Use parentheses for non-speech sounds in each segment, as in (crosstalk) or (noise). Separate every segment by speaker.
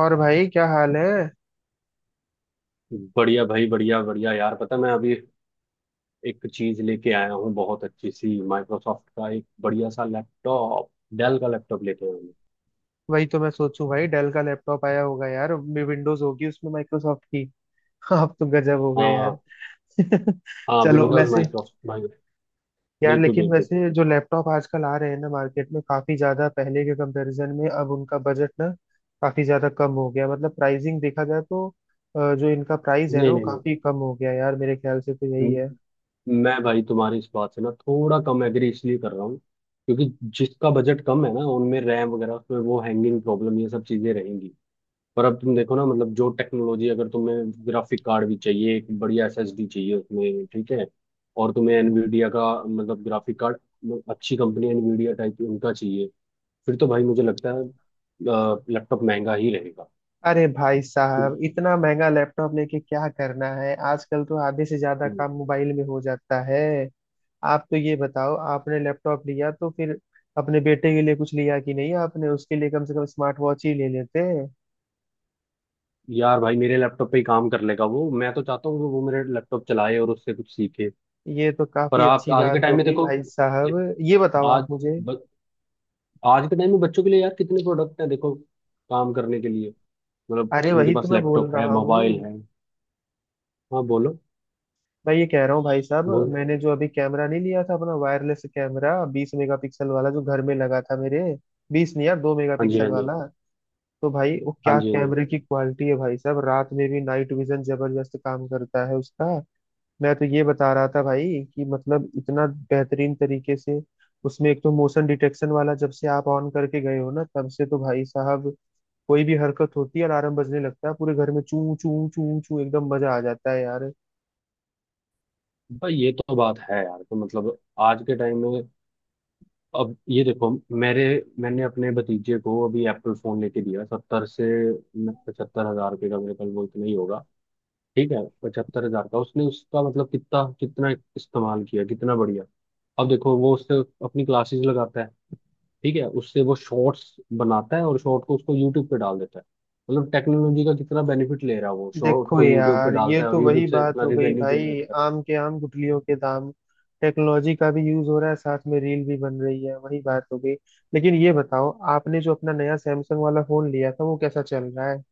Speaker 1: और भाई क्या हाल है।
Speaker 2: बढ़िया भाई, बढ़िया बढ़िया यार। पता है, मैं अभी एक चीज लेके आया हूँ, बहुत अच्छी सी। माइक्रोसॉफ्ट का एक बढ़िया सा लैपटॉप, डेल का लैपटॉप लेके आया हूँ।
Speaker 1: वही तो मैं सोचूं भाई, डेल का लैपटॉप आया होगा यार, विंडोज होगी उसमें माइक्रोसॉफ्ट की। (laughs) आप तो गजब हो गए यार।
Speaker 2: हाँ।
Speaker 1: (laughs)
Speaker 2: हाँ,
Speaker 1: चलो
Speaker 2: विंडोज
Speaker 1: वैसे।
Speaker 2: माइक्रोसॉफ्ट भाई।
Speaker 1: यार
Speaker 2: बिल्कुल
Speaker 1: लेकिन
Speaker 2: बिल्कुल।
Speaker 1: वैसे जो लैपटॉप आजकल आ रहे हैं ना मार्केट में, काफी ज्यादा पहले के कंपैरिजन में अब उनका बजट ना काफी ज्यादा कम हो गया, मतलब प्राइसिंग देखा जाए तो। जो इनका प्राइस है ना
Speaker 2: नहीं
Speaker 1: वो
Speaker 2: नहीं।
Speaker 1: काफी कम हो गया यार, मेरे ख्याल से तो यही
Speaker 2: नहीं
Speaker 1: है।
Speaker 2: म- मैं भाई तुम्हारी इस बात से ना थोड़ा कम एग्री इसलिए कर रहा हूँ, क्योंकि जिसका बजट कम है ना उनमें रैम वगैरह, उसमें वो हैंगिंग प्रॉब्लम ये सब चीजें रहेंगी। पर अब तुम देखो ना, मतलब जो टेक्नोलॉजी, अगर तुम्हें ग्राफिक कार्ड भी चाहिए, एक बढ़िया एसएसडी चाहिए उसमें, ठीक है। और तुम्हें एनवीडिया का मतलब ग्राफिक कार्ड, अच्छी कंपनी एनवीडिया टाइप उनका चाहिए, फिर तो भाई मुझे लगता है लैपटॉप महंगा ही रहेगा।
Speaker 1: अरे भाई साहब, इतना महंगा लैपटॉप लेके क्या करना है, आजकल तो आधे से ज्यादा
Speaker 2: हम्म,
Speaker 1: काम मोबाइल में हो जाता है। आप तो ये बताओ, आपने लैपटॉप लिया तो फिर अपने बेटे के लिए कुछ लिया कि नहीं, आपने उसके लिए कम से कम स्मार्ट वॉच ही ले लेते।
Speaker 2: यार भाई मेरे लैपटॉप पे ही काम कर लेगा वो। मैं तो चाहता हूँ कि वो मेरे लैपटॉप चलाए और उससे कुछ सीखे।
Speaker 1: ये तो
Speaker 2: पर
Speaker 1: काफी
Speaker 2: आप
Speaker 1: अच्छी
Speaker 2: आज के
Speaker 1: बात
Speaker 2: टाइम में
Speaker 1: होगी
Speaker 2: देखो
Speaker 1: भाई साहब।
Speaker 2: कि
Speaker 1: ये बताओ आप
Speaker 2: आज
Speaker 1: मुझे।
Speaker 2: ब, आज के टाइम में बच्चों के लिए यार कितने प्रोडक्ट हैं, देखो, काम करने के लिए। मतलब
Speaker 1: अरे
Speaker 2: उनके
Speaker 1: वही तो
Speaker 2: पास
Speaker 1: मैं बोल
Speaker 2: लैपटॉप है,
Speaker 1: रहा
Speaker 2: मोबाइल
Speaker 1: हूँ।
Speaker 2: है। हाँ, बोलो
Speaker 1: मैं ये कह रहा हूँ भाई साहब,
Speaker 2: बोलो।
Speaker 1: मैंने जो अभी कैमरा नहीं लिया था अपना, वायरलेस कैमरा 20 मेगापिक्सल वाला जो घर में लगा था मेरे। बीस नहीं यार, दो
Speaker 2: हाँ जी,
Speaker 1: मेगापिक्सल
Speaker 2: हाँ जी।
Speaker 1: वाला। तो भाई वो
Speaker 2: हाँ
Speaker 1: क्या
Speaker 2: जी, हाँ जी।
Speaker 1: कैमरे की क्वालिटी है भाई साहब, रात में भी नाइट विजन जबरदस्त काम करता है उसका। मैं तो ये बता रहा था भाई कि मतलब इतना बेहतरीन तरीके से, उसमें एक तो मोशन डिटेक्शन वाला, जब से आप ऑन करके गए हो ना तब से तो भाई साहब कोई भी हरकत होती है अलार्म बजने लगता है पूरे घर में, चू चू चू चू, एकदम मजा आ जाता है यार।
Speaker 2: भाई ये तो बात है यार। तो मतलब आज के टाइम में, अब ये देखो, मेरे, मैंने अपने भतीजे को अभी एप्पल फोन लेके दिया, 70,000 से 75,000 रुपये का, मेरे ख्याल वो इतना ही होगा। ठीक है। 75,000 का उसने, उसका मतलब कितना कितना इस्तेमाल किया, कितना बढ़िया। अब देखो वो उससे अपनी क्लासेस लगाता है, ठीक है। उससे वो शॉर्ट्स बनाता है और शॉर्ट को उसको यूट्यूब पे डाल देता है। मतलब टेक्नोलॉजी का कितना बेनिफिट ले रहा है। वो शॉर्ट
Speaker 1: देखो
Speaker 2: को यूट्यूब पे
Speaker 1: यार ये
Speaker 2: डालता है
Speaker 1: तो
Speaker 2: और यूट्यूब
Speaker 1: वही
Speaker 2: से
Speaker 1: बात
Speaker 2: इतना
Speaker 1: हो गई
Speaker 2: रिवेन्यू
Speaker 1: भाई,
Speaker 2: जनरेट कर।
Speaker 1: आम के आम गुठलियों के दाम। टेक्नोलॉजी का भी यूज हो रहा है, साथ में रील भी बन रही है, वही बात हो गई। लेकिन ये बताओ, आपने जो अपना नया सैमसंग वाला फोन लिया था वो कैसा चल रहा है।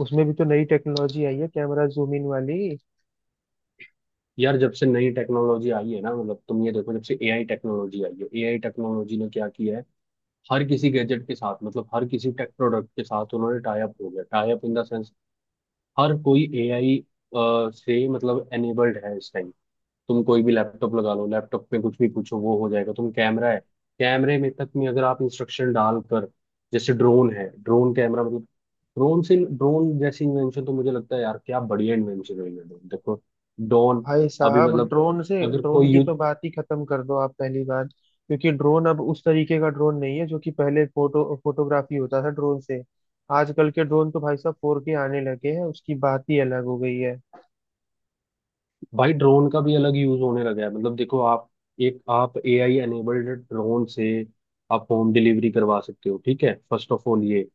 Speaker 1: उसमें भी तो नई टेक्नोलॉजी आई है, कैमरा जूम इन वाली।
Speaker 2: यार जब से नई टेक्नोलॉजी आई है ना, मतलब तुम ये देखो, जब से एआई टेक्नोलॉजी आई है, एआई टेक्नोलॉजी ने क्या किया है। हर किसी गैजेट के साथ, मतलब हर किसी टेक प्रोडक्ट के साथ उन्होंने टाई अप हो गया, tie up in the sense, हर कोई एआई से मतलब एनेबल्ड है इस टाइम। तुम कोई भी लैपटॉप लगा लो, लैपटॉप में कुछ भी पूछो, वो हो जाएगा। तुम कैमरा है, कैमरे में तक में अगर आप इंस्ट्रक्शन डालकर, जैसे ड्रोन है, ड्रोन कैमरा, मतलब ड्रोन से ड्रोन जैसी इन्वेंशन, तो मुझे लगता है यार क्या बढ़िया इन्वेंशन है ये drone। देखो, ड्रोन,
Speaker 1: भाई
Speaker 2: अभी
Speaker 1: साहब
Speaker 2: मतलब
Speaker 1: ड्रोन से,
Speaker 2: अगर
Speaker 1: ड्रोन
Speaker 2: कोई
Speaker 1: की
Speaker 2: यूज,
Speaker 1: तो बात ही खत्म कर दो आप पहली बार, क्योंकि ड्रोन अब उस तरीके का ड्रोन नहीं है जो कि पहले फोटो फोटोग्राफी होता था ड्रोन से। आजकल के ड्रोन तो भाई साहब फोर के आने लगे हैं, उसकी बात ही अलग हो गई है।
Speaker 2: भाई ड्रोन का भी अलग यूज होने लगा है, मतलब देखो आप, एक आप एआई एनेबल्ड ड्रोन से आप होम डिलीवरी करवा सकते हो, ठीक है, फर्स्ट ऑफ ऑल ये।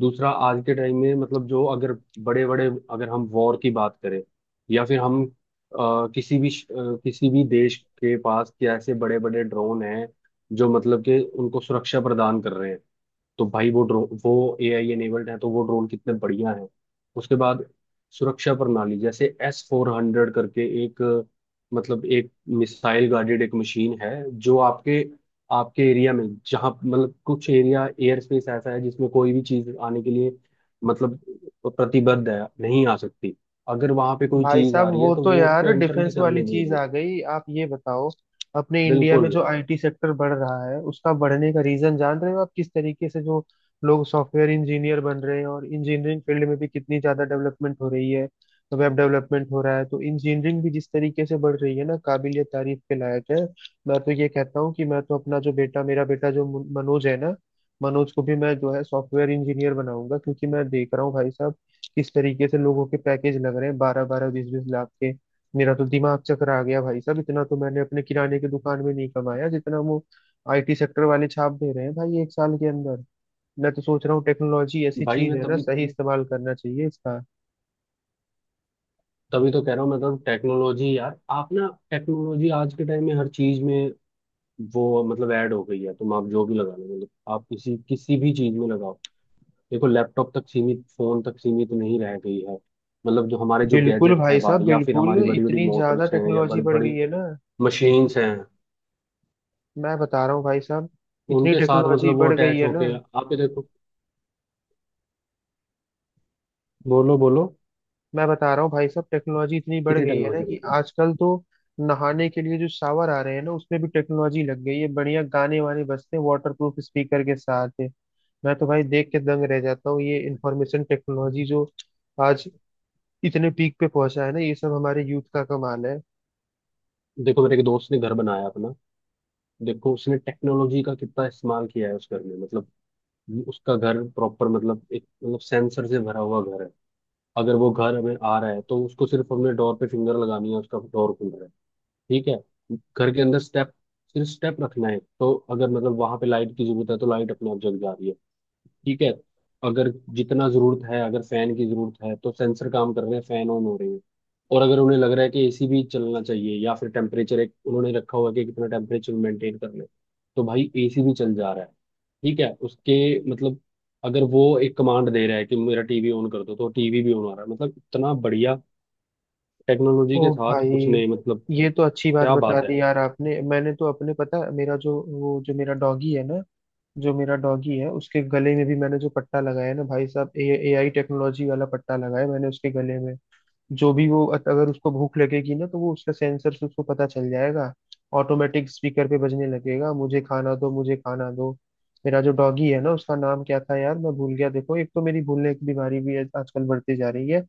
Speaker 2: दूसरा, आज के टाइम में मतलब जो, अगर बड़े बड़े, अगर हम वॉर की बात करें, या फिर हम, किसी भी किसी भी देश के पास क्या ऐसे बड़े बड़े ड्रोन हैं जो मतलब के उनको सुरक्षा प्रदान कर रहे हैं। तो भाई वो ड्रोन वो एआई एनेबल्ड है, तो वो ड्रोन कितने बढ़िया हैं। उसके बाद सुरक्षा प्रणाली, जैसे S-400 करके एक मतलब एक मिसाइल गार्डेड एक मशीन है, जो आपके, आपके एरिया में जहाँ मतलब कुछ एरिया, एयर स्पेस ऐसा है जिसमें कोई भी चीज आने के लिए, मतलब, प्रतिबद्ध है, नहीं आ सकती। अगर वहां पे कोई
Speaker 1: भाई
Speaker 2: चीज
Speaker 1: साहब
Speaker 2: आ रही है
Speaker 1: वो
Speaker 2: तो
Speaker 1: तो
Speaker 2: वो
Speaker 1: यार
Speaker 2: उसको एंटर नहीं
Speaker 1: डिफेंस वाली
Speaker 2: करने
Speaker 1: चीज
Speaker 2: देगी।
Speaker 1: आ गई, आप ये बताओ, अपने इंडिया में
Speaker 2: बिल्कुल।
Speaker 1: जो आईटी सेक्टर बढ़ रहा है उसका बढ़ने का रीजन जान रहे हो आप? किस तरीके से जो लोग सॉफ्टवेयर इंजीनियर बन रहे हैं, और इंजीनियरिंग फील्ड में भी कितनी ज्यादा डेवलपमेंट हो रही है, तो वेब डेवलपमेंट हो रहा है, तो इंजीनियरिंग भी जिस तरीके से बढ़ रही है ना, काबिलियत तारीफ के लायक है। मैं तो ये कहता हूँ कि मैं तो अपना जो बेटा, मेरा बेटा जो मनोज है ना, मनोज को भी मैं जो है सॉफ्टवेयर इंजीनियर बनाऊंगा, क्योंकि मैं देख रहा हूँ भाई साहब किस तरीके से लोगों के पैकेज लग रहे हैं, 12 12 20 20 लाख के। मेरा तो दिमाग चकरा गया भाई साहब, इतना तो मैंने अपने किराने की दुकान में नहीं कमाया जितना वो आईटी सेक्टर वाले छाप दे रहे हैं भाई एक साल के अंदर। मैं तो सोच रहा हूँ टेक्नोलॉजी ऐसी
Speaker 2: भाई
Speaker 1: चीज
Speaker 2: मैं
Speaker 1: है ना,
Speaker 2: तभी
Speaker 1: सही इस्तेमाल करना चाहिए इसका।
Speaker 2: तभी तो कह रहा हूँ, मतलब टेक्नोलॉजी यार, आप ना, टेक्नोलॉजी आज के टाइम में हर चीज में वो मतलब ऐड हो गई है। तुम, आप जो भी लगा लो, मतलब आप किसी किसी भी चीज में लगाओ, देखो लैपटॉप तक सीमित, फोन तक सीमित नहीं रह गई है। मतलब जो हमारे जो
Speaker 1: बिल्कुल
Speaker 2: गैजेट
Speaker 1: भाई
Speaker 2: हैं बाहर,
Speaker 1: साहब
Speaker 2: या फिर
Speaker 1: बिल्कुल,
Speaker 2: हमारी बड़ी बड़ी
Speaker 1: इतनी ज्यादा
Speaker 2: मोटर्स हैं या
Speaker 1: टेक्नोलॉजी
Speaker 2: बड़ी
Speaker 1: बढ़ गई
Speaker 2: बड़ी
Speaker 1: है ना।
Speaker 2: मशीन्स हैं,
Speaker 1: मैं बता रहा हूँ भाई साहब, इतनी
Speaker 2: उनके साथ
Speaker 1: टेक्नोलॉजी
Speaker 2: मतलब वो
Speaker 1: बढ़ गई
Speaker 2: अटैच
Speaker 1: है ना।
Speaker 2: होके, आप ये देखो। बोलो बोलो,
Speaker 1: मैं बता रहा हूँ भाई साहब, टेक्नोलॉजी इतनी बढ़
Speaker 2: कितनी
Speaker 1: गई है ना
Speaker 2: टेक्नोलॉजी बढ़
Speaker 1: कि
Speaker 2: गई।
Speaker 1: आजकल तो नहाने के लिए जो शावर आ रहे हैं ना उसमें भी टेक्नोलॉजी लग गई है, बढ़िया गाने वाने बजते हैं वाटर प्रूफ स्पीकर के साथ। मैं तो भाई देख के दंग रह जाता हूँ, ये इंफॉर्मेशन टेक्नोलॉजी जो आज इतने पीक पे पहुंचा है ना, ये सब हमारे यूथ का कमाल है।
Speaker 2: देखो, मेरे एक दोस्त ने घर बनाया अपना। देखो उसने टेक्नोलॉजी का कितना इस्तेमाल किया है उस घर में। मतलब उसका घर प्रॉपर, मतलब एक, मतलब सेंसर से भरा हुआ घर है। अगर वो घर हमें आ रहा है, तो उसको सिर्फ हमने डोर पे फिंगर लगानी है, उसका डोर खुल रहा है। ठीक है। घर के अंदर स्टेप, सिर्फ स्टेप रखना है, तो अगर मतलब वहां पे लाइट की जरूरत है तो लाइट अपने आप जग जा रही है। ठीक है। अगर जितना जरूरत है, अगर फैन की जरूरत है तो सेंसर काम कर रहे हैं, फैन ऑन हो रहे हैं। और अगर उन्हें लग रहा है कि एसी भी चलना चाहिए, या फिर टेम्परेचर एक उन्होंने रखा हुआ है कि कितना टेम्परेचर मेंटेन करना है, तो भाई एसी भी चल जा रहा है। ठीक है। उसके, मतलब अगर वो एक कमांड दे रहा है कि मेरा टीवी ऑन कर दो तो टीवी भी ऑन आ रहा है। मतलब इतना बढ़िया टेक्नोलॉजी के
Speaker 1: ओ
Speaker 2: साथ
Speaker 1: भाई,
Speaker 2: उसने मतलब।
Speaker 1: ये तो अच्छी बात
Speaker 2: क्या
Speaker 1: बता
Speaker 2: बात है।
Speaker 1: दी यार आपने। मैंने तो अपने, पता है, मेरा जो वो जो मेरा डॉगी है ना, जो मेरा डॉगी है उसके गले में भी मैंने जो पट्टा लगाया है ना भाई साहब, ए आई टेक्नोलॉजी वाला पट्टा लगाया मैंने उसके गले में। जो भी वो अगर उसको भूख लगेगी ना, तो वो उसका सेंसर से उसको पता चल जाएगा, ऑटोमेटिक स्पीकर पे बजने लगेगा, मुझे खाना दो, मुझे खाना दो। मेरा जो डॉगी है ना उसका नाम क्या था यार, मैं भूल गया। देखो एक तो मेरी भूलने की बीमारी भी आजकल बढ़ती जा रही है।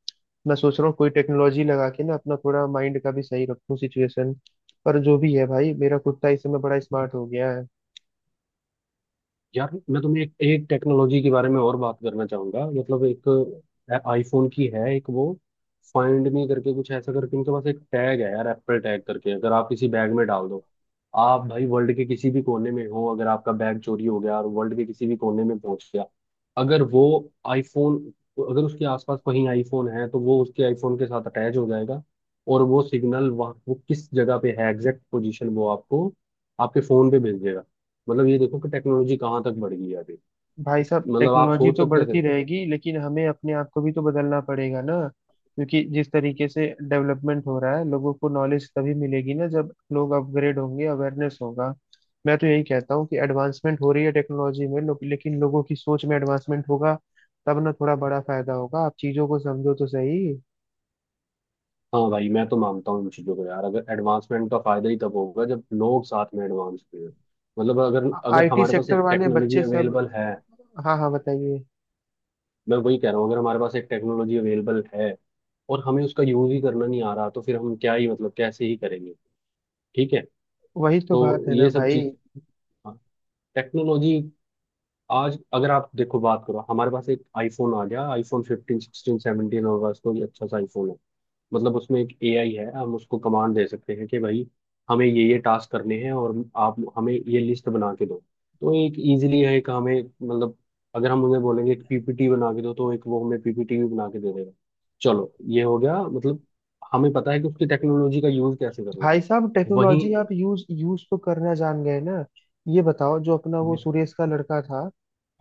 Speaker 1: मैं सोच रहा हूँ कोई टेक्नोलॉजी लगा के ना अपना थोड़ा माइंड का भी सही रखूं सिचुएशन। पर जो भी है भाई, मेरा कुत्ता इस समय बड़ा स्मार्ट हो गया है।
Speaker 2: यार मैं तुम्हें एक टेक्नोलॉजी के बारे में और बात करना चाहूंगा, मतलब एक आईफोन की है, एक वो फाइंड मी करके कुछ ऐसा, करके उनके पास एक टैग है यार, एप्पल टैग करके। अगर आप किसी बैग में डाल दो, आप भाई वर्ल्ड के किसी भी कोने में हो, अगर आपका बैग चोरी हो गया और वर्ल्ड के किसी भी कोने में पहुंच गया, अगर वो आईफोन, अगर उसके आसपास कहीं आईफोन है, तो वो उसके आईफोन के साथ अटैच हो जाएगा। और वो सिग्नल वहाँ, वो किस जगह पे है, एग्जैक्ट पोजीशन वो आपको, आपके फोन पे भेज देगा। मतलब ये देखो कि टेक्नोलॉजी कहाँ तक बढ़ गई है अभी।
Speaker 1: भाई साहब
Speaker 2: मतलब आप
Speaker 1: टेक्नोलॉजी
Speaker 2: सोच
Speaker 1: तो
Speaker 2: सकते
Speaker 1: बढ़ती
Speaker 2: थे।
Speaker 1: रहेगी, लेकिन हमें अपने आप को भी तो बदलना पड़ेगा ना, क्योंकि जिस तरीके से डेवलपमेंट हो रहा है लोगों को नॉलेज तभी मिलेगी ना जब लोग अपग्रेड होंगे, अवेयरनेस होगा। मैं तो यही कहता हूँ कि एडवांसमेंट हो रही है टेक्नोलॉजी में, लेकिन लोगों की सोच में एडवांसमेंट होगा तब ना थोड़ा बड़ा फायदा होगा, आप चीजों को समझो तो सही।
Speaker 2: हाँ भाई, मैं तो मानता हूँ इन चीजों को यार, अगर एडवांसमेंट का फायदा ही तब होगा जब लोग साथ में एडवांस हुए। मतलब अगर अगर
Speaker 1: आईटी
Speaker 2: हमारे पास
Speaker 1: सेक्टर
Speaker 2: एक
Speaker 1: वाले
Speaker 2: टेक्नोलॉजी
Speaker 1: बच्चे सब।
Speaker 2: अवेलेबल है।
Speaker 1: हाँ हाँ, बताइए।
Speaker 2: मैं वही कह रहा हूँ, अगर हमारे पास एक टेक्नोलॉजी अवेलेबल है और हमें उसका यूज ही करना नहीं आ रहा, तो फिर हम क्या ही, मतलब, कैसे ही करेंगे। ठीक है।
Speaker 1: वही तो
Speaker 2: तो
Speaker 1: बात है ना
Speaker 2: ये सब
Speaker 1: भाई।
Speaker 2: चीज, टेक्नोलॉजी, आज अगर आप देखो बात करो, हमारे पास एक आईफोन आ गया, आईफोन फिफ्टीन सिक्सटीन 17, हमारे पास कोई अच्छा सा आईफोन है, मतलब उसमें एक एआई है। हम उसको कमांड दे सकते हैं कि भाई हमें ये टास्क करने हैं और आप हमें ये लिस्ट बना के दो, तो एक इजीली है। एक हमें मतलब, अगर हम उन्हें बोलेंगे एक पीपीटी बना के दो, तो एक वो हमें पीपीटी भी बना के दे देगा। चलो, ये हो गया, मतलब हमें पता है कि उसकी टेक्नोलॉजी का यूज कैसे करना
Speaker 1: भाई
Speaker 2: है।
Speaker 1: साहब
Speaker 2: वहीं।
Speaker 1: टेक्नोलॉजी आप यूज यूज तो करना जान गए ना। ये बताओ, जो अपना वो सुरेश का लड़का था,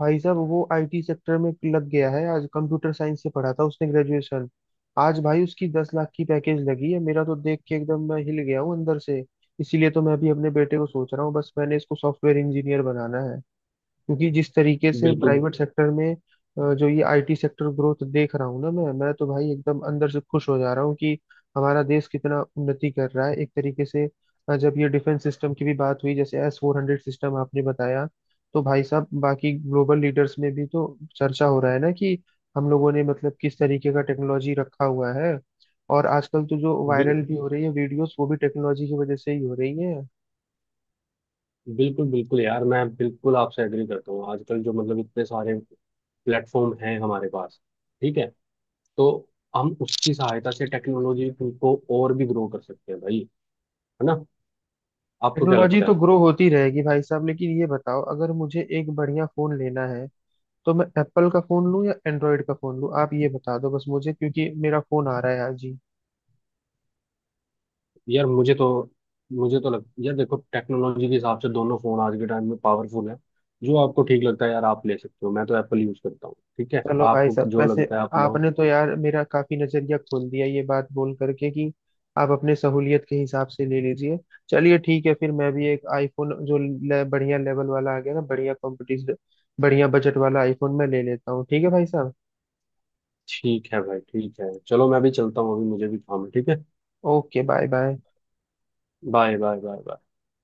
Speaker 1: भाई साहब वो आईटी सेक्टर में लग गया है, आज कंप्यूटर साइंस से पढ़ा था उसने ग्रेजुएशन। आज भाई उसकी 10 लाख की पैकेज लगी है, मेरा तो देख के एकदम मैं हिल गया हूँ अंदर से। इसीलिए तो मैं अभी अपने बेटे को सोच रहा हूँ, बस मैंने इसको सॉफ्टवेयर इंजीनियर बनाना है, क्योंकि जिस तरीके से
Speaker 2: बिल्कुल।
Speaker 1: प्राइवेट सेक्टर में जो ये आईटी सेक्टर ग्रोथ देख रहा हूँ ना मैं तो भाई एकदम अंदर से खुश हो जा रहा हूँ कि हमारा देश कितना उन्नति कर रहा है एक तरीके से। जब ये डिफेंस सिस्टम की भी बात हुई, जैसे S-400 सिस्टम आपने बताया, तो भाई साहब बाकी ग्लोबल लीडर्स में भी तो चर्चा हो रहा है ना कि हम लोगों ने मतलब किस तरीके का टेक्नोलॉजी रखा हुआ है। और आजकल तो जो
Speaker 2: बिल,
Speaker 1: वायरल भी हो रही है वीडियोस वो भी टेक्नोलॉजी की वजह से ही हो रही है।
Speaker 2: बिल्कुल बिल्कुल यार, मैं बिल्कुल आपसे एग्री करता हूँ। आजकल जो मतलब इतने सारे प्लेटफॉर्म हैं हमारे पास, ठीक है, तो हम उसकी सहायता से टेक्नोलॉजी को और भी ग्रो कर सकते हैं भाई। है ना। आपको क्या
Speaker 1: टेक्नोलॉजी
Speaker 2: लगता
Speaker 1: तो
Speaker 2: है।
Speaker 1: ग्रो होती रहेगी भाई साहब, लेकिन ये बताओ, अगर मुझे एक बढ़िया फोन लेना है तो मैं एप्पल का फोन लूं या एंड्रॉयड का फोन लूं, आप ये बता दो बस मुझे, क्योंकि मेरा फोन आ रहा है आज ही।
Speaker 2: यार मुझे तो लग, यार देखो, टेक्नोलॉजी के हिसाब से दोनों फोन आज के टाइम में पावरफुल है। जो आपको ठीक लगता है यार, आप ले सकते हो। मैं तो एप्पल यूज करता हूँ, ठीक है।
Speaker 1: चलो भाई
Speaker 2: आपको
Speaker 1: साहब
Speaker 2: जो
Speaker 1: वैसे,
Speaker 2: लगता है आप लो।
Speaker 1: आपने तो यार मेरा काफी नजरिया खोल दिया ये बात बोल करके कि आप अपने सहूलियत के हिसाब से ले लीजिए। चलिए ठीक है, फिर मैं भी एक आईफोन जो बढ़िया लेवल वाला आ गया ना, बढ़िया कॉम्पिटिशन, बढ़िया बजट वाला आईफोन मैं ले लेता हूँ, ठीक है भाई साहब।
Speaker 2: ठीक है भाई, ठीक है, चलो मैं भी चलता हूँ अभी, मुझे भी काम है। ठीक है।
Speaker 1: Okay, bye bye.
Speaker 2: Bye bye bye bye.